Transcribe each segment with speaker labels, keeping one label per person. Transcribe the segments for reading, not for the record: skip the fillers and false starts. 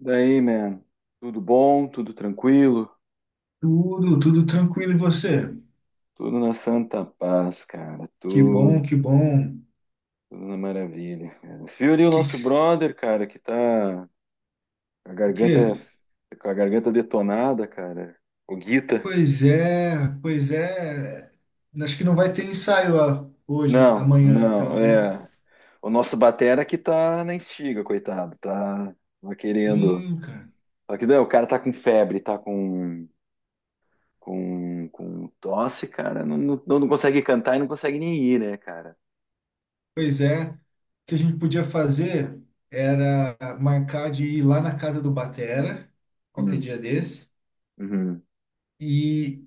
Speaker 1: Daí, man, tudo bom, tudo tranquilo,
Speaker 2: Tudo, tudo tranquilo e você?
Speaker 1: tudo na santa paz, cara,
Speaker 2: Que
Speaker 1: tudo,
Speaker 2: bom, que bom.
Speaker 1: tudo na maravilha, cara. Você viu ali o
Speaker 2: Que,
Speaker 1: nosso brother, cara, que tá com a garganta,
Speaker 2: que?
Speaker 1: com a garganta detonada, cara, o Guita?
Speaker 2: Pois é, pois é. Acho que não vai ter ensaio hoje,
Speaker 1: Não,
Speaker 2: amanhã,
Speaker 1: não,
Speaker 2: então, né?
Speaker 1: é, o nosso batera que tá na estiga, coitado, tá querendo,
Speaker 2: Sim, cara.
Speaker 1: só que não, o cara tá com febre, tá com tosse, cara, não, não, não consegue cantar e não consegue nem ir, né, cara?
Speaker 2: Pois é. O que a gente podia fazer era marcar de ir lá na casa do Batera, qualquer
Speaker 1: Hum,
Speaker 2: dia desse,
Speaker 1: uhum.
Speaker 2: e,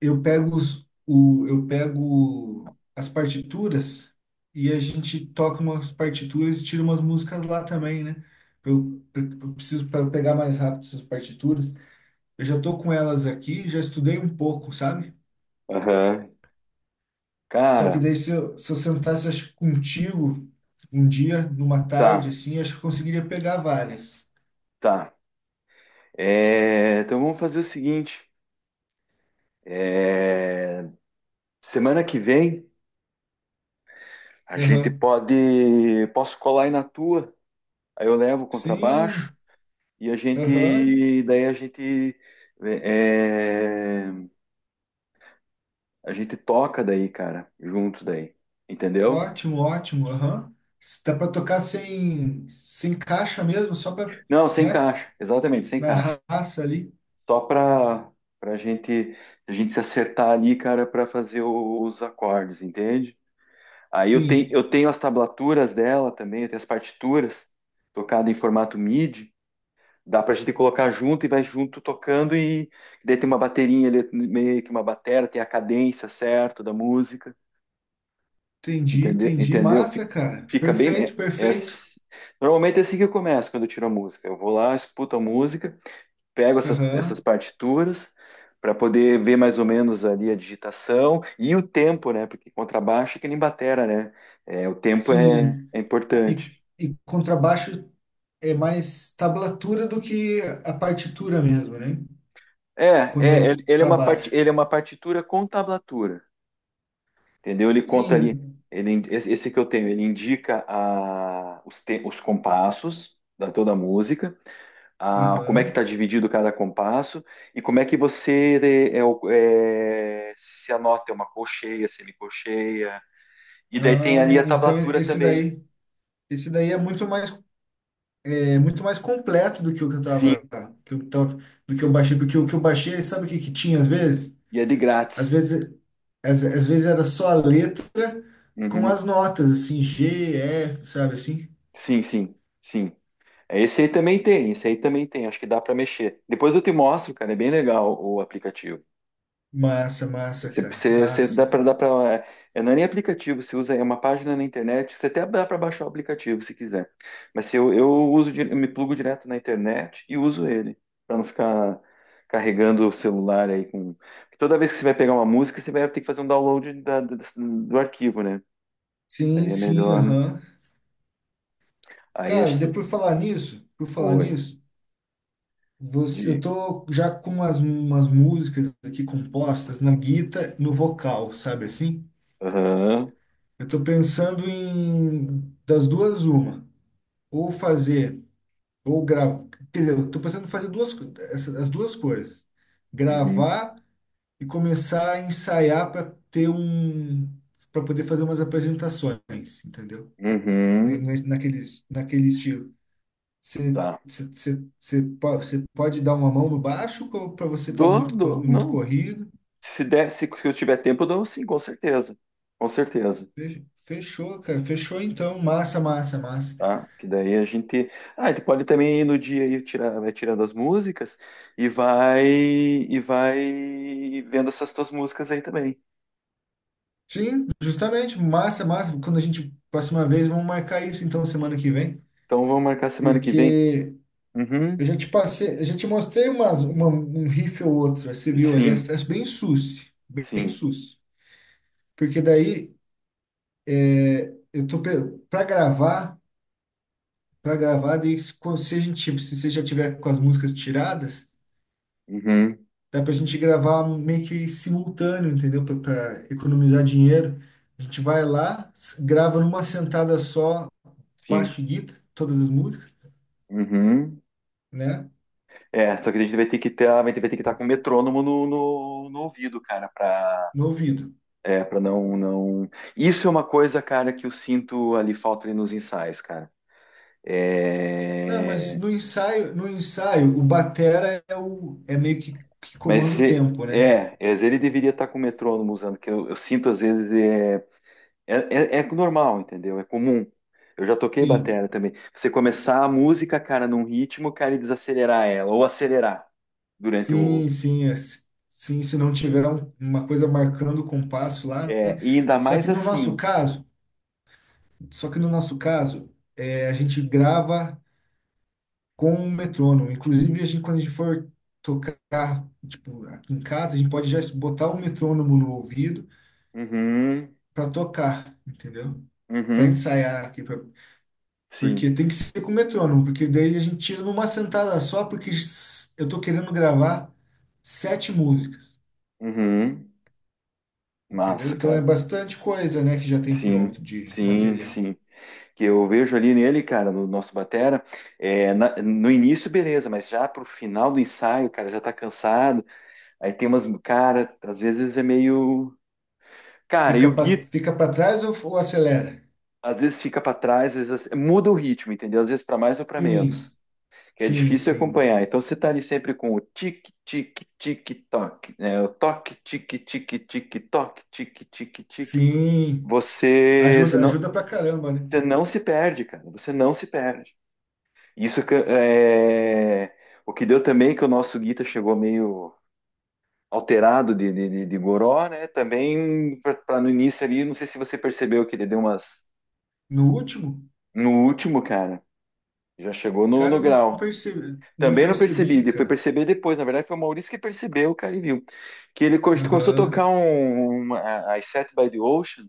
Speaker 2: eu pego eu pego as partituras e a gente toca umas partituras e tira umas músicas lá também, né? Eu preciso para pegar mais rápido essas partituras. Eu já tô com elas aqui, já estudei um pouco, sabe?
Speaker 1: Aham.
Speaker 2: Só que
Speaker 1: Cara,
Speaker 2: daí se eu sentasse acho, que contigo um dia, numa tarde
Speaker 1: tá,
Speaker 2: assim, acho que eu conseguiria pegar várias.
Speaker 1: tá. É, então vamos fazer o seguinte. É, semana que vem a gente
Speaker 2: Aham.
Speaker 1: pode. Posso colar aí na tua. Aí eu levo o
Speaker 2: Sim,
Speaker 1: contrabaixo e a
Speaker 2: aham.
Speaker 1: gente. Daí a gente. É, a gente toca daí, cara, juntos daí. Entendeu?
Speaker 2: Ótimo, ótimo. Aham. Dá para tocar sem caixa mesmo, só para,
Speaker 1: Não, sem
Speaker 2: né,
Speaker 1: caixa. Exatamente, sem
Speaker 2: na
Speaker 1: caixa.
Speaker 2: raça ali.
Speaker 1: Só pra gente, a gente se acertar ali, cara, pra fazer os acordes, entende? Aí eu tenho,
Speaker 2: Sim,
Speaker 1: eu tenho as tablaturas dela também, eu tenho as partituras tocadas em formato MIDI. Dá pra gente colocar junto e vai junto tocando e daí tem uma baterinha ali, meio que uma batera, tem a cadência certa da música,
Speaker 2: entendi,
Speaker 1: entendeu?
Speaker 2: entendi.
Speaker 1: Entendeu?
Speaker 2: Massa, cara.
Speaker 1: Fica bem.
Speaker 2: Perfeito, perfeito.
Speaker 1: Normalmente é assim que eu começo quando eu tiro a música. Eu vou lá, escuto a música, pego essas
Speaker 2: Aham.
Speaker 1: partituras para poder ver mais ou menos ali a digitação e o tempo, né? Porque contrabaixo é que nem batera, né? É, o tempo é,
Speaker 2: Sim.
Speaker 1: é
Speaker 2: E,
Speaker 1: importante.
Speaker 2: e contrabaixo é mais tablatura do que a partitura mesmo, né? Quando é
Speaker 1: Ele é
Speaker 2: para
Speaker 1: uma part,
Speaker 2: baixo.
Speaker 1: ele é uma partitura com tablatura, entendeu? Ele conta ali,
Speaker 2: Sim.
Speaker 1: esse que eu tenho, ele indica a, os, os compassos da toda a música, a, como é que
Speaker 2: Aham.
Speaker 1: está dividido cada compasso e como é que você se anota é uma colcheia, semicolcheia, e daí tem ali
Speaker 2: Ah,
Speaker 1: a
Speaker 2: então
Speaker 1: tablatura também.
Speaker 2: esse daí é muito mais. É muito mais completo do que o que eu
Speaker 1: Sim,
Speaker 2: tava, que eu tava, do que eu baixei, porque o que eu baixei, sabe o que que tinha às vezes?
Speaker 1: e é de
Speaker 2: Às
Speaker 1: grátis.
Speaker 2: vezes, às vezes era só a letra com
Speaker 1: Uhum.
Speaker 2: as notas, assim, G, F, sabe assim?
Speaker 1: Sim, sim, sim. Esse aí também tem, esse aí também tem. Acho que dá para mexer. Depois eu te mostro, cara. É bem legal o aplicativo.
Speaker 2: Massa, massa,
Speaker 1: Você,
Speaker 2: cara,
Speaker 1: você, você dá
Speaker 2: massa.
Speaker 1: para, dá para. É, não é nem aplicativo, você usa é uma página na internet. Você até dá para baixar o aplicativo se quiser. Mas se eu me plugo direto na internet e uso ele para não ficar carregando o celular aí com. Porque toda vez que você vai pegar uma música, você vai ter que fazer um download do arquivo, né?
Speaker 2: Sim,
Speaker 1: Aí é
Speaker 2: sim,
Speaker 1: melhor, né?
Speaker 2: aham.
Speaker 1: Aí é.
Speaker 2: Cara, por falar
Speaker 1: Oi.
Speaker 2: nisso, você, eu
Speaker 1: De.
Speaker 2: tô já com umas músicas aqui compostas na guita, no vocal, sabe assim?
Speaker 1: Aham.
Speaker 2: Eu tô pensando em das duas uma, ou fazer. Ou gravar. Quer dizer, eu tô pensando em fazer essa- as duas coisas.
Speaker 1: Uhum.
Speaker 2: Gravar e começar a ensaiar para ter um. Para poder fazer umas apresentações, entendeu?
Speaker 1: Uhum.
Speaker 2: Naquele, naquele estilo. Você
Speaker 1: Tá.
Speaker 2: pode dar uma mão no baixo ou para você estar
Speaker 1: Dou, dou,
Speaker 2: muito
Speaker 1: não.
Speaker 2: corrido.
Speaker 1: Se der, se eu tiver tempo, eu dou sim, com certeza. Com certeza.
Speaker 2: Fechou, cara. Fechou então. Massa, massa, massa.
Speaker 1: Tá? Que daí a gente. Ah, ele pode também ir no dia e tirar, vai tirando as músicas e vai vendo essas tuas músicas aí também.
Speaker 2: Sim, justamente. Massa, massa. Quando a gente. Próxima vez, vamos marcar isso então semana que vem.
Speaker 1: Então vamos marcar semana que vem.
Speaker 2: Porque eu
Speaker 1: Uhum.
Speaker 2: já te passei, eu já te mostrei um riff ou outro, você viu ali, é,
Speaker 1: Sim,
Speaker 2: é bem sus, bem
Speaker 1: sim.
Speaker 2: sus. Porque daí eu tô para gravar, daí se a gente, se você já tiver com as músicas tiradas,
Speaker 1: Uhum.
Speaker 2: dá pra gente gravar meio que simultâneo, entendeu? Pra economizar dinheiro. A gente vai lá, grava numa sentada só,
Speaker 1: Sim.
Speaker 2: baixo e guitarra, todas as músicas,
Speaker 1: Uhum.
Speaker 2: né?
Speaker 1: É, só que a gente vai ter que ter, vai ter, vai ter que estar com o metrônomo no, no, no ouvido, cara, pra,
Speaker 2: No ouvido.
Speaker 1: é, pra não, não. Isso é uma coisa, cara, que eu sinto ali falta ali nos ensaios, cara.
Speaker 2: Não, mas
Speaker 1: É...
Speaker 2: no ensaio, o batera é o é meio que comanda
Speaker 1: Mas
Speaker 2: o
Speaker 1: é,
Speaker 2: tempo, né?
Speaker 1: é, é, ele deveria estar com o metrônomo usando, que eu sinto às vezes é, é, é, é normal, entendeu? É comum. Eu já toquei
Speaker 2: Sim,
Speaker 1: batera também. Você começar a música, cara, num ritmo, cara, e desacelerar ela, ou acelerar durante o.
Speaker 2: sim, sim, é, sim. Se não tiver uma coisa marcando o compasso lá,
Speaker 1: É,
Speaker 2: né?
Speaker 1: e ainda
Speaker 2: Só que
Speaker 1: mais
Speaker 2: no nosso
Speaker 1: assim.
Speaker 2: caso, só que no nosso caso, é, a gente grava com um metrônomo. Inclusive, a gente, quando a gente for tocar, tipo, aqui em casa, a gente pode já botar o metrônomo no ouvido
Speaker 1: Uhum,
Speaker 2: para tocar, entendeu? Para
Speaker 1: uhum.
Speaker 2: ensaiar aqui,
Speaker 1: Sim.
Speaker 2: porque tem que ser com metrônomo, porque daí a gente tira numa sentada só, porque eu tô querendo gravar sete músicas,
Speaker 1: Uhum.
Speaker 2: entendeu?
Speaker 1: Massa,
Speaker 2: Então é
Speaker 1: cara.
Speaker 2: bastante coisa, né, que já tem
Speaker 1: Sim,
Speaker 2: pronto de
Speaker 1: sim,
Speaker 2: material.
Speaker 1: sim. Que eu vejo ali nele, cara, no nosso batera, é, no início, beleza, mas já pro final do ensaio, cara, já tá cansado. Aí tem umas, cara, às vezes é meio. Cara, e o Gui,
Speaker 2: Fica para trás ou acelera?
Speaker 1: às vezes fica pra trás, às vezes muda o ritmo, entendeu? Às vezes pra mais ou pra
Speaker 2: Sim,
Speaker 1: menos. Que é
Speaker 2: sim,
Speaker 1: difícil
Speaker 2: sim.
Speaker 1: acompanhar. Então você tá ali sempre com o tic, tic, tic, toc, né? O toque, tic, tic, tic, toc, tic, tic, tic.
Speaker 2: Sim, ajuda,
Speaker 1: Senão
Speaker 2: ajuda pra caramba, né?
Speaker 1: você não se perde, cara. Você não se perde. Isso é o que deu também que o nosso Guita chegou meio alterado de goró, né? Também para no início ali, não sei se você percebeu que ele deu umas
Speaker 2: No último,
Speaker 1: no último, cara. Já chegou no,
Speaker 2: cara,
Speaker 1: no
Speaker 2: eu não
Speaker 1: grau.
Speaker 2: percebi, não
Speaker 1: Também não percebi,
Speaker 2: percebi,
Speaker 1: fui
Speaker 2: cara.
Speaker 1: perceber depois. Na verdade, foi o Maurício que percebeu, cara, e viu. Que ele começou a tocar
Speaker 2: Aham.
Speaker 1: as Set by the Ocean.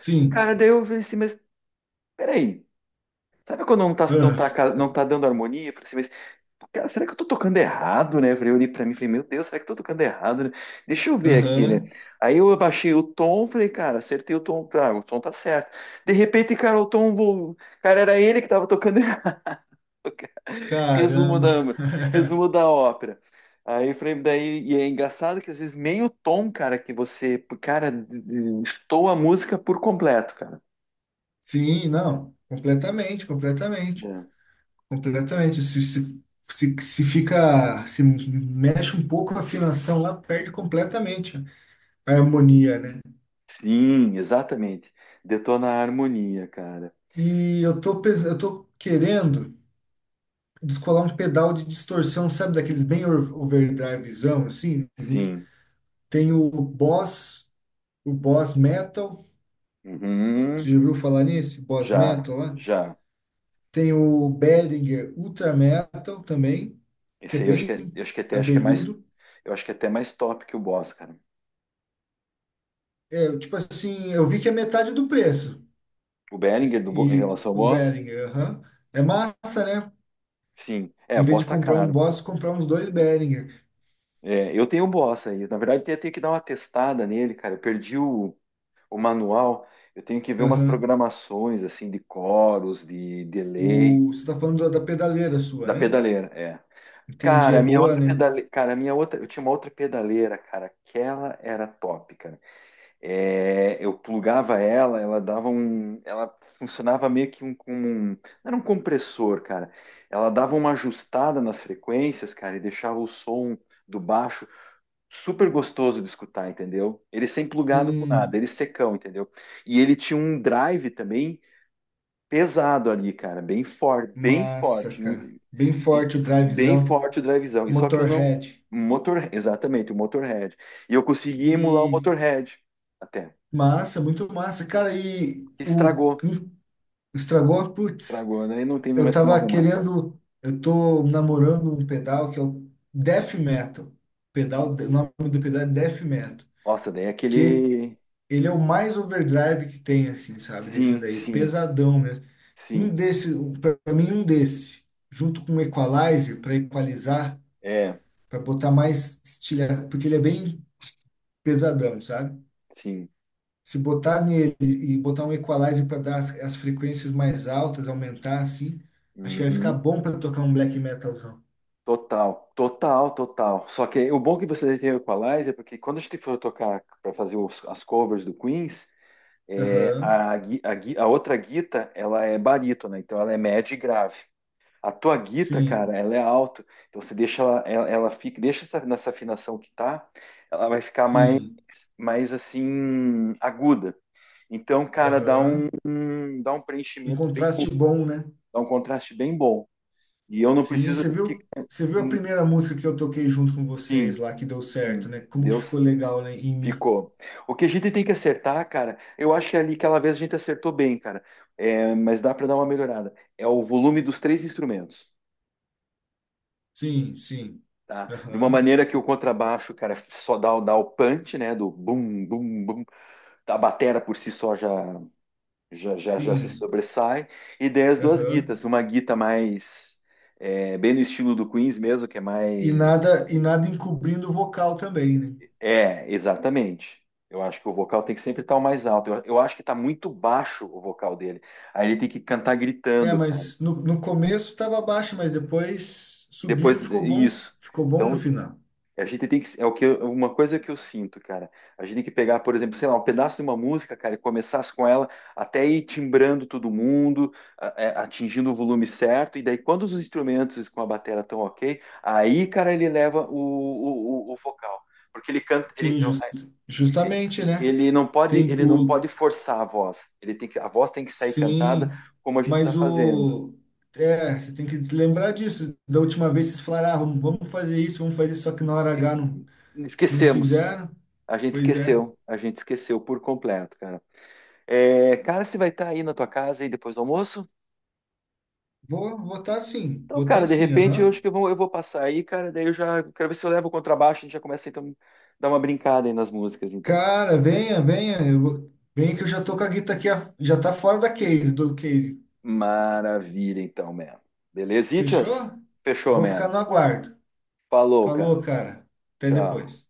Speaker 2: Sim.
Speaker 1: Cara, daí eu falei assim, mas peraí. Sabe quando não tá, não tá,
Speaker 2: Ah,
Speaker 1: ca- não tá dando harmonia? Eu falei assim, cara, será que eu tô tocando errado, né? Eu falei, eu olhei pra mim e falei, meu Deus, será que eu tô tocando errado, né? Deixa eu ver aqui, né?
Speaker 2: aham.
Speaker 1: Aí eu abaixei o tom, falei, cara, acertei o tom tá certo. De repente, cara, o tom, cara, era ele que tava tocando errado. Resumo
Speaker 2: Caramba.
Speaker 1: da, resumo da ópera. Aí eu falei, daí, e é engraçado que às vezes meio tom, cara, que você, cara, estou a música por completo, cara.
Speaker 2: Sim, não, completamente, completamente,
Speaker 1: É.
Speaker 2: completamente. Se, se fica, se mexe um pouco a afinação lá, perde completamente a harmonia, né?
Speaker 1: Sim, exatamente. Detona a harmonia, cara.
Speaker 2: E eu tô, eu tô querendo descolar um pedal de distorção, sabe, daqueles bem overdrivezão, assim.
Speaker 1: Sim.
Speaker 2: Tem o Boss Metal, você
Speaker 1: Uhum.
Speaker 2: já ouviu falar nisso? Boss
Speaker 1: Já,
Speaker 2: Metal lá.
Speaker 1: já.
Speaker 2: Tem o Behringer Ultra Metal também, que é
Speaker 1: Esse aí
Speaker 2: bem
Speaker 1: eu acho que até acho que é mais,
Speaker 2: abelhudo.
Speaker 1: eu acho que é até mais top que o Boss, cara.
Speaker 2: Eu, tipo assim, eu vi que é metade do preço.
Speaker 1: O Behringer do em
Speaker 2: E
Speaker 1: relação ao
Speaker 2: o
Speaker 1: Boss,
Speaker 2: Behringer, aham. É massa, né?
Speaker 1: sim. É, o
Speaker 2: Em vez de
Speaker 1: Boss tá
Speaker 2: comprar um
Speaker 1: caro.
Speaker 2: Boss, comprar uns dois Behringer.
Speaker 1: É, eu tenho o Boss aí. Na verdade, eu tenho que dar uma testada nele, cara. Eu perdi o manual. Eu tenho que ver umas
Speaker 2: Aham.
Speaker 1: programações assim de coros, de delay
Speaker 2: O, você tá falando da pedaleira sua,
Speaker 1: da
Speaker 2: né?
Speaker 1: pedaleira, é.
Speaker 2: Entendi, é
Speaker 1: Cara, a minha
Speaker 2: boa,
Speaker 1: outra
Speaker 2: né?
Speaker 1: pedaleira, cara, a minha outra, eu tinha uma outra pedaleira, cara. Aquela era top, cara. É, eu plugava ela, ela dava um, ela funcionava meio que um, como um, não era um compressor, cara. Ela dava uma ajustada nas frequências, cara, e deixava o som do baixo super gostoso de escutar, entendeu? Ele sem plugado com nada, ele
Speaker 2: Sim,
Speaker 1: secão, entendeu? E ele tinha um drive também pesado ali, cara, bem forte, bem
Speaker 2: massa,
Speaker 1: forte,
Speaker 2: cara. Bem
Speaker 1: e-
Speaker 2: forte o
Speaker 1: bem
Speaker 2: drivezão,
Speaker 1: forte o drivezão. E só que eu não,
Speaker 2: Motorhead.
Speaker 1: Exatamente, o Motorhead. E eu consegui emular o
Speaker 2: E
Speaker 1: Motorhead até.
Speaker 2: massa, muito massa. Cara, e o
Speaker 1: Estragou,
Speaker 2: hum, estragou? Putz.
Speaker 1: estragou, né? E não tem
Speaker 2: Eu
Speaker 1: mais como
Speaker 2: tava
Speaker 1: arrumar, cara.
Speaker 2: querendo. Eu tô namorando um pedal que é o Death Metal. Pedal, o nome do pedal é Death Metal.
Speaker 1: Nossa, daí é
Speaker 2: Que
Speaker 1: aquele.
Speaker 2: ele é o mais overdrive que tem, assim, sabe? Desses
Speaker 1: Sim,
Speaker 2: aí,
Speaker 1: sim,
Speaker 2: pesadão mesmo. Um
Speaker 1: sim.
Speaker 2: desse, para mim, um desse, junto com um equalizer, para equalizar,
Speaker 1: É,
Speaker 2: para botar mais estilha, porque ele é bem pesadão, sabe?
Speaker 1: sim.
Speaker 2: Se botar nele e botar um equalizer para dar as, as frequências mais altas, aumentar assim, acho que vai ficar
Speaker 1: Uhum.
Speaker 2: bom para tocar um black metalzão.
Speaker 1: Total, total, total. Só que o bom que você tem o Equalizer é porque quando a gente for tocar para fazer as covers do Queens, é,
Speaker 2: Aham,
Speaker 1: a outra guita ela é barítono, então ela é média e grave. A tua guita, cara,
Speaker 2: sim,
Speaker 1: ela é alto. Então você deixa ela fica, deixa essa, nessa afinação que tá, ela vai ficar mais,
Speaker 2: sim.
Speaker 1: mais assim aguda. Então, cara, dá
Speaker 2: Aham.
Speaker 1: dá um
Speaker 2: Um
Speaker 1: preenchimento bem,
Speaker 2: contraste bom, né?
Speaker 1: dá um contraste bem bom. E eu não
Speaker 2: Sim,
Speaker 1: preciso ficar,
Speaker 2: você viu a
Speaker 1: hum,
Speaker 2: primeira música que eu toquei junto com vocês
Speaker 1: sim,
Speaker 2: lá, que deu certo,
Speaker 1: sim,
Speaker 2: né? Como que ficou
Speaker 1: Deus
Speaker 2: legal, né? Em mim.
Speaker 1: ficou. O que a gente tem que acertar, cara, eu acho que é ali aquela vez a gente acertou bem, cara. É, mas dá para dar uma melhorada. É o volume dos três instrumentos.
Speaker 2: Sim, sim.
Speaker 1: Tá? De uma
Speaker 2: Aham,
Speaker 1: maneira que o contrabaixo, cara, só dá o punch, né? Do bum, bum, bum. A batera por si só já se
Speaker 2: sim.
Speaker 1: sobressai. E daí as duas
Speaker 2: Aham.
Speaker 1: guitas. Uma guita mais... É, bem no estilo do Queens mesmo, que é mais...
Speaker 2: E nada encobrindo o vocal também, né?
Speaker 1: É, exatamente. Eu acho que o vocal tem que sempre estar o mais alto. Eu acho que está muito baixo o vocal dele. Aí ele tem que cantar
Speaker 2: É,
Speaker 1: gritando, cara.
Speaker 2: mas no, no começo tava baixo, mas depois subiram,
Speaker 1: Depois,
Speaker 2: ficou bom.
Speaker 1: isso.
Speaker 2: Ficou bom no
Speaker 1: Então,
Speaker 2: final.
Speaker 1: a gente tem que, uma coisa que eu sinto, cara. A gente tem que pegar, por exemplo, sei lá, um pedaço de uma música, cara, e começar com ela até ir timbrando todo mundo, atingindo o volume certo, e daí quando os instrumentos com a bateria estão ok, aí, cara, ele leva o vocal, porque ele canta,
Speaker 2: Sim, jus- justamente, né? Tem
Speaker 1: ele não
Speaker 2: o,
Speaker 1: pode forçar a voz. Ele tem que, a voz tem que sair cantada
Speaker 2: sim,
Speaker 1: como a gente está
Speaker 2: mas
Speaker 1: fazendo.
Speaker 2: o. É, você tem que lembrar disso. Da última vez vocês falaram, ah, vamos fazer isso, só que na hora
Speaker 1: E
Speaker 2: H não, não
Speaker 1: esquecemos,
Speaker 2: fizeram.
Speaker 1: a gente
Speaker 2: Pois é.
Speaker 1: esqueceu, a gente esqueceu por completo, cara. É, cara, você vai estar aí na tua casa aí depois do almoço?
Speaker 2: Vou
Speaker 1: Então, cara,
Speaker 2: votar
Speaker 1: de
Speaker 2: sim,
Speaker 1: repente eu
Speaker 2: aham.
Speaker 1: acho que eu vou passar aí, cara. Daí eu já quero ver se eu levo o contrabaixo. A gente já começa então dar uma brincada aí nas músicas, então.
Speaker 2: Cara, venha, venha. Eu vou... Venha que eu já tô com a guita aqui, já tá fora da case, do case.
Speaker 1: Maravilha, então, man. Beleza, Itias?
Speaker 2: Fechou?
Speaker 1: Fechou,
Speaker 2: Vou ficar
Speaker 1: man.
Speaker 2: no aguardo.
Speaker 1: Falou,
Speaker 2: Falou,
Speaker 1: cara.
Speaker 2: cara. Até
Speaker 1: Tchau.
Speaker 2: depois.